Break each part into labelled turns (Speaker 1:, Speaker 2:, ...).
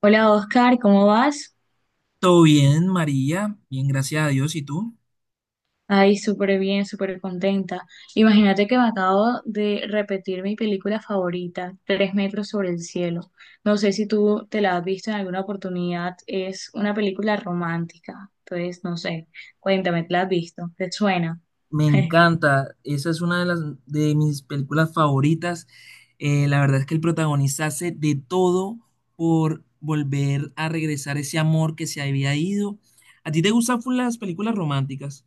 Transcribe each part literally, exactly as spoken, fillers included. Speaker 1: Hola Oscar, ¿cómo vas?
Speaker 2: Todo bien, María, bien, gracias a Dios. ¿Y tú?
Speaker 1: Ay, súper bien, súper contenta. Imagínate que me acabo de repetir mi película favorita, Tres metros sobre el cielo. No sé si tú te la has visto en alguna oportunidad, es una película romántica. Entonces, no sé, cuéntame, ¿te la has visto? ¿Te suena?
Speaker 2: Me encanta, esa es una de las de mis películas favoritas. Eh, la verdad es que el protagonista hace de todo por volver a regresar ese amor que se había ido. ¿A ti te gustan full las películas románticas?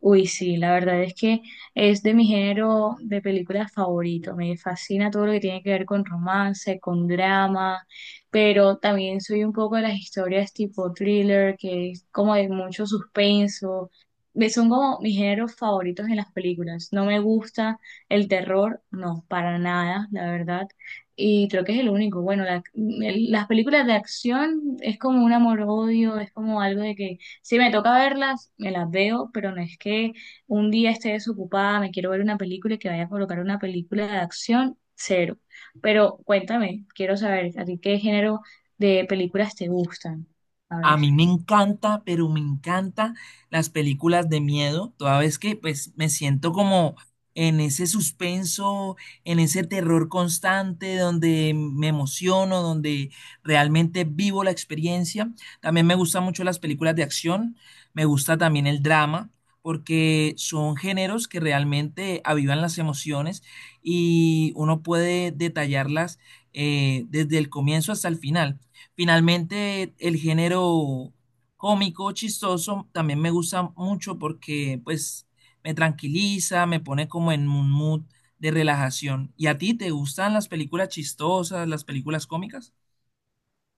Speaker 1: Uy, sí, la verdad es que es de mi género de películas favorito. Me fascina todo lo que tiene que ver con romance, con drama, pero también soy un poco de las historias tipo thriller, que es como de mucho suspenso. Me- Son como mis géneros favoritos en las películas. No me gusta el terror, no, para nada, la verdad. Y creo que es el único. Bueno, la- el- las películas de acción es como un amor-odio, es como algo de que si me toca verlas, me las veo, pero no es que un día esté desocupada, me quiero ver una película y que vaya a colocar una película de acción, cero. Pero cuéntame, quiero saber, ¿a ti qué género de películas te gustan? A
Speaker 2: A
Speaker 1: ver.
Speaker 2: mí me encanta, pero me encanta las películas de miedo, toda vez que pues me siento como en ese suspenso, en ese terror constante donde me emociono, donde realmente vivo la experiencia. También me gustan mucho las películas de acción, me gusta también el drama, porque son géneros que realmente avivan las emociones y uno puede detallarlas eh, desde el comienzo hasta el final. Finalmente, el género cómico, chistoso, también me gusta mucho porque pues me tranquiliza, me pone como en un mood de relajación. ¿Y a ti te gustan las películas chistosas, las películas cómicas?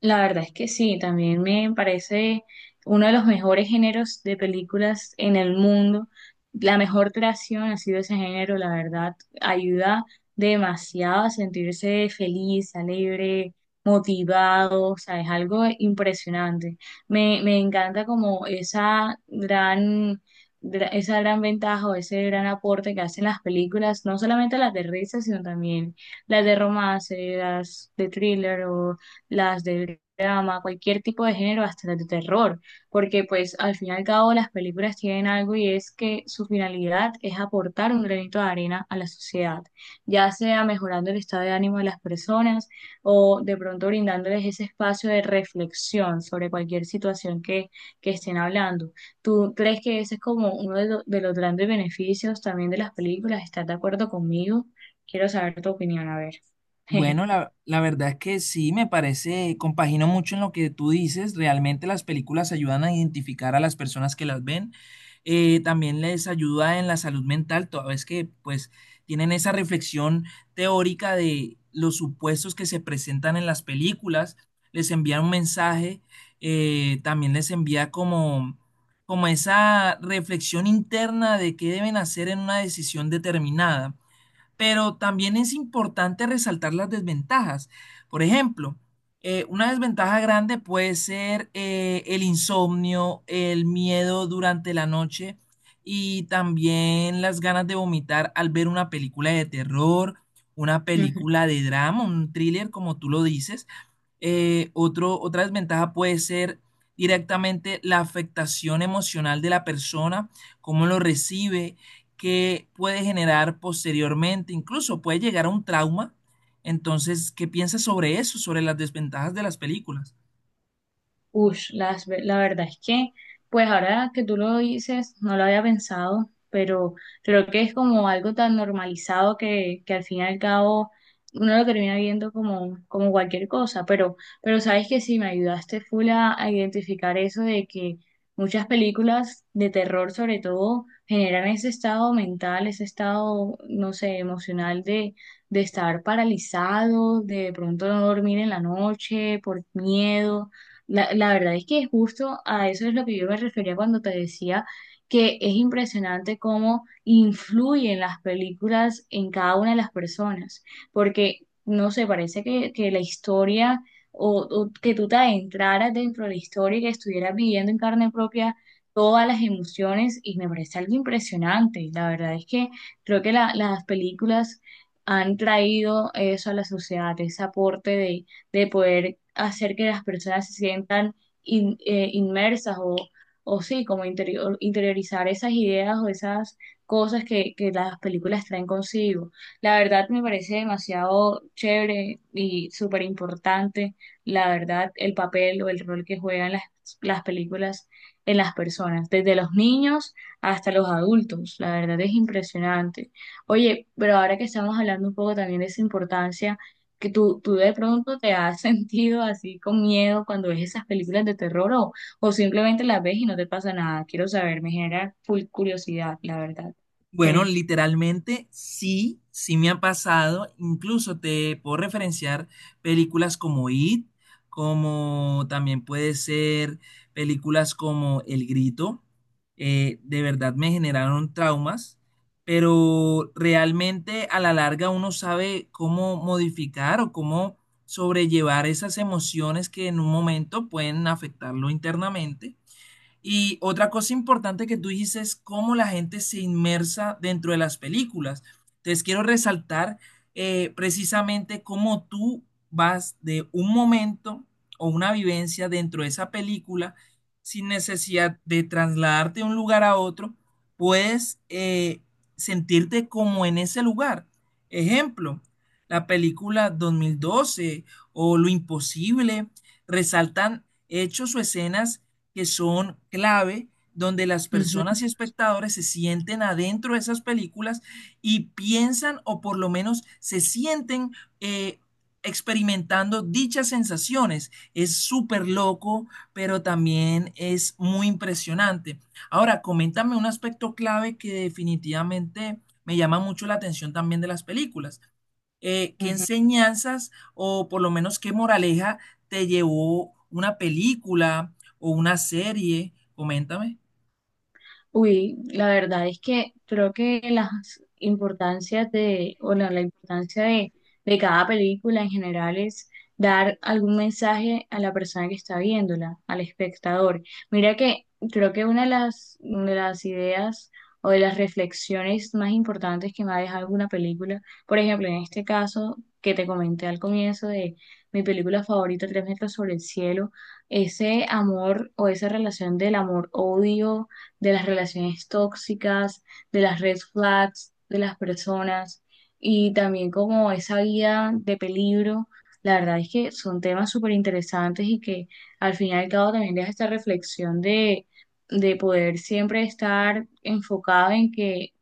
Speaker 1: La verdad es que sí, también me parece uno de los mejores géneros de películas en el mundo. La mejor creación ha sido ese género, la verdad. Ayuda demasiado a sentirse feliz, alegre, motivado, o sea, es algo impresionante. Me, me encanta como esa gran, gra- esa gran ventaja o ese gran aporte que hacen las películas, no solamente las de risa, sino también las de romance, las de thriller o las de drama, cualquier tipo de género, hasta las de terror, porque pues al fin y al cabo las películas tienen algo y es que su finalidad es aportar un granito de arena a la sociedad, ya sea mejorando el estado de ánimo de las personas o de pronto brindándoles ese espacio de reflexión sobre cualquier situación que, que estén hablando. ¿Tú crees que ese es como uno de, lo- de los grandes beneficios también de las películas? ¿Estás de acuerdo conmigo? Quiero saber tu opinión, a ver.
Speaker 2: Bueno, la, la verdad es que sí, me parece, compagino mucho en lo que tú dices. Realmente las películas ayudan a identificar a las personas que las ven. Eh, también les ayuda en la salud mental, toda vez que pues tienen esa reflexión teórica de los supuestos que se presentan en las películas. Les envía un mensaje, eh, también les envía como, como esa reflexión interna de qué deben hacer en una decisión determinada, pero también es importante resaltar las desventajas. Por ejemplo, eh, una desventaja grande puede ser, eh, el insomnio, el miedo durante la noche y también las ganas de vomitar al ver una película de terror, una
Speaker 1: Jeje.
Speaker 2: película de drama, un thriller, como tú lo dices. Eh, otro, otra desventaja puede ser directamente la afectación emocional de la persona, cómo lo recibe, que puede generar posteriormente, incluso puede llegar a un trauma. Entonces, ¿qué piensas sobre eso, sobre las desventajas de las películas?
Speaker 1: Ush, las ve- la verdad es que, pues ahora que tú lo dices, no lo había pensado, pero creo que es como algo tan normalizado que, que al fin y al cabo uno lo termina viendo como, como cualquier cosa, pero, pero sabes que sí me ayudaste full a, a identificar eso de que muchas películas de terror sobre todo generan ese estado mental, ese estado, no sé, emocional de, de estar paralizado, de pronto no dormir en la noche por miedo, la, la verdad es que justo a eso es lo que yo me refería cuando te decía que es impresionante cómo influyen las películas en cada una de las personas, porque no sé, parece que, que la historia o, o que tú te adentraras dentro de la historia y que estuvieras viviendo en carne propia todas las emociones y me parece algo impresionante. La verdad es que creo que la- las películas han traído eso a la sociedad, ese aporte de de poder hacer que las personas se sientan in- eh, inmersas o, o sí, como interior- interiorizar esas ideas o esas cosas que, que las películas traen consigo. La verdad me parece demasiado chévere y súper importante, la verdad, el papel o el rol que juegan las, las películas en las personas, desde los niños hasta los adultos. La verdad es impresionante. Oye, pero ahora que estamos hablando un poco también de esa importancia, que tú, tú de pronto te has sentido así con miedo cuando ves esas películas de terror o, o simplemente las ves y no te pasa nada. Quiero saber, me genera full curiosidad, la verdad.
Speaker 2: Bueno,
Speaker 1: Eh,
Speaker 2: literalmente sí, sí me ha pasado. Incluso te puedo referenciar películas como It, como también puede ser películas como El Grito. Eh, de verdad me generaron traumas, pero realmente a la larga uno sabe cómo modificar o cómo sobrellevar esas emociones que en un momento pueden afectarlo internamente, y otra cosa importante que tú dijiste es cómo la gente se inmersa dentro de las películas. Entonces quiero resaltar eh, precisamente cómo tú vas de un momento o una vivencia dentro de esa película sin necesidad de trasladarte de un lugar a otro, puedes eh, sentirte como en ese lugar. Ejemplo, la película dos mil doce o Lo Imposible resaltan hechos o escenas que son clave, donde las personas y espectadores se sienten adentro de esas películas y piensan, o por lo menos se sienten eh, experimentando dichas sensaciones. Es súper loco, pero también es muy impresionante. Ahora, coméntame un aspecto clave que definitivamente me llama mucho la atención también de las películas. Eh, qué
Speaker 1: ujú.
Speaker 2: enseñanzas o por lo menos qué moraleja te llevó una película o una serie? Coméntame.
Speaker 1: Uy, la verdad es que creo que las importancias de, o la, la importancia de, de cada película en general es dar algún mensaje a la persona que está viéndola, al espectador. Mira que creo que una de las, de las ideas o de las reflexiones más importantes que me ha dejado alguna película, por ejemplo, en este caso que te comenté al comienzo de mi película favorita, Tres metros sobre el cielo, ese amor o esa relación del amor-odio de las relaciones tóxicas, de las red flags, de las personas y también como esa vida de peligro. La verdad es que son temas súper interesantes y que al fin y al cabo también deja esta reflexión de, de poder siempre estar enfocado en que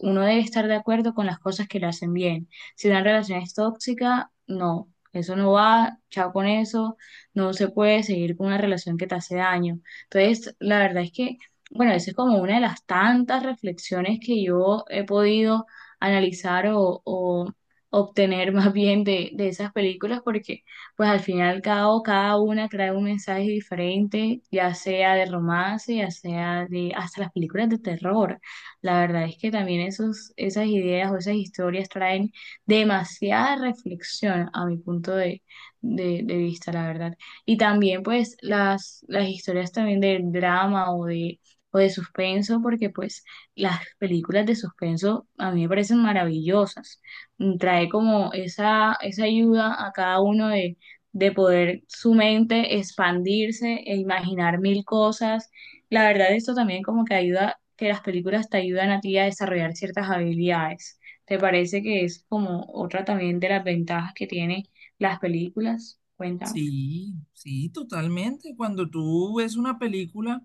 Speaker 1: uno debe estar de acuerdo con las cosas que le hacen bien. Si una relación es tóxica, no, eso no va, chao con eso, no se puede seguir con una relación que te hace daño. Entonces, la verdad es que bueno, esa es como una de las tantas reflexiones que yo he podido analizar o, o obtener más bien de, de esas películas, porque pues al final cada cada una trae un mensaje diferente, ya sea de romance, ya sea de hasta las películas de terror. La verdad es que también esos, esas ideas o esas historias traen demasiada reflexión a mi punto de, de, de vista, la verdad. Y también pues las, las historias también del drama o de o de suspenso, porque pues las películas de suspenso a mí me parecen maravillosas. Mm, trae como esa, esa ayuda a cada uno de, de poder su mente expandirse e imaginar mil cosas. La verdad, esto también como que ayuda, que las películas te ayudan a ti a desarrollar ciertas habilidades. ¿Te parece que es como otra también de las ventajas que tiene las películas? Cuéntame.
Speaker 2: Sí, sí, totalmente. Cuando tú ves una película,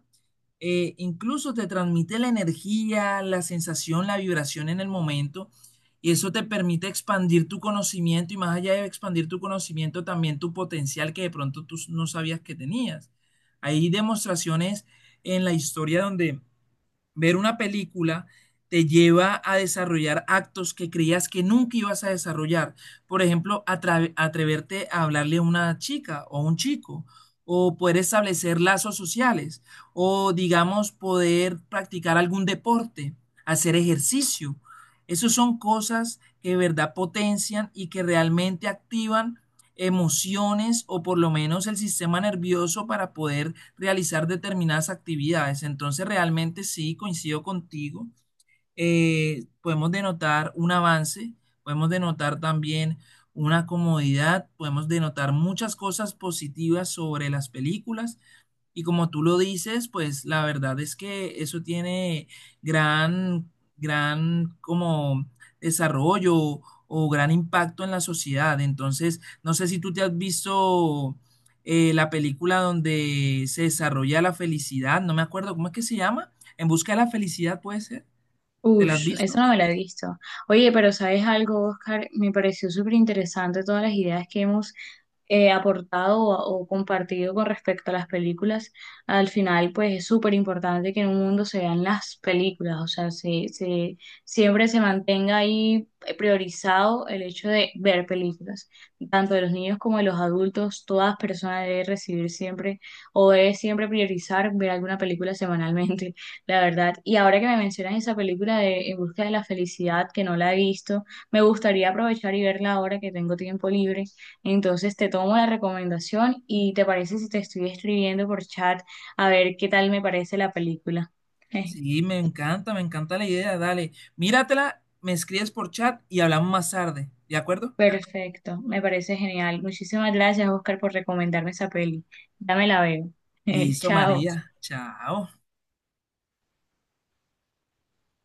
Speaker 2: eh, incluso te transmite la energía, la sensación, la vibración en el momento. Y eso te permite expandir tu conocimiento, y más allá de expandir tu conocimiento, también tu potencial, que de pronto tú no sabías que tenías. Hay demostraciones en la historia donde ver una película te lleva a desarrollar actos que creías que nunca ibas a desarrollar. Por ejemplo, atra- atreverte a hablarle a una chica o a un chico, o poder establecer lazos sociales, o digamos, poder practicar algún deporte, hacer ejercicio. Esas son cosas que de verdad potencian y que realmente activan emociones, o por lo menos el sistema nervioso, para poder realizar determinadas actividades. Entonces, realmente sí, coincido contigo. Eh, podemos denotar un avance, podemos denotar también una comodidad, podemos denotar muchas cosas positivas sobre las películas, y como tú lo dices, pues la verdad es que eso tiene gran, gran como desarrollo o gran impacto en la sociedad. Entonces, no sé si tú te has visto eh, la película donde se desarrolla la felicidad, no me acuerdo cómo es que se llama, En busca de la felicidad puede ser, ¿te la has
Speaker 1: Ush, eso
Speaker 2: visto?
Speaker 1: no me lo he visto. Oye, pero ¿sabes algo, Oscar? Me pareció súper interesante todas las ideas que hemos eh, aportado o, o compartido con respecto a las películas. Al final, pues es súper importante que en un mundo se vean las películas, o sea, se, se, siempre se mantenga ahí priorizado el hecho de ver películas, tanto de los niños como de los adultos. Todas personas deben recibir siempre o debe siempre priorizar ver alguna película semanalmente. La verdad, y ahora que me mencionas esa película de En busca de la felicidad, que no la he visto, me gustaría aprovechar y verla ahora que tengo tiempo libre. Entonces te tomo la recomendación y te parece si te estoy escribiendo por chat a ver qué tal me parece la película.
Speaker 2: Sí, me encanta, me encanta la idea, dale, míratela, me escribes por chat y hablamos más tarde, ¿de acuerdo?
Speaker 1: Perfecto, me parece genial. Muchísimas gracias, Oscar, por recomendarme esa peli. Dame la veo.
Speaker 2: Listo,
Speaker 1: Chao.
Speaker 2: María, chao.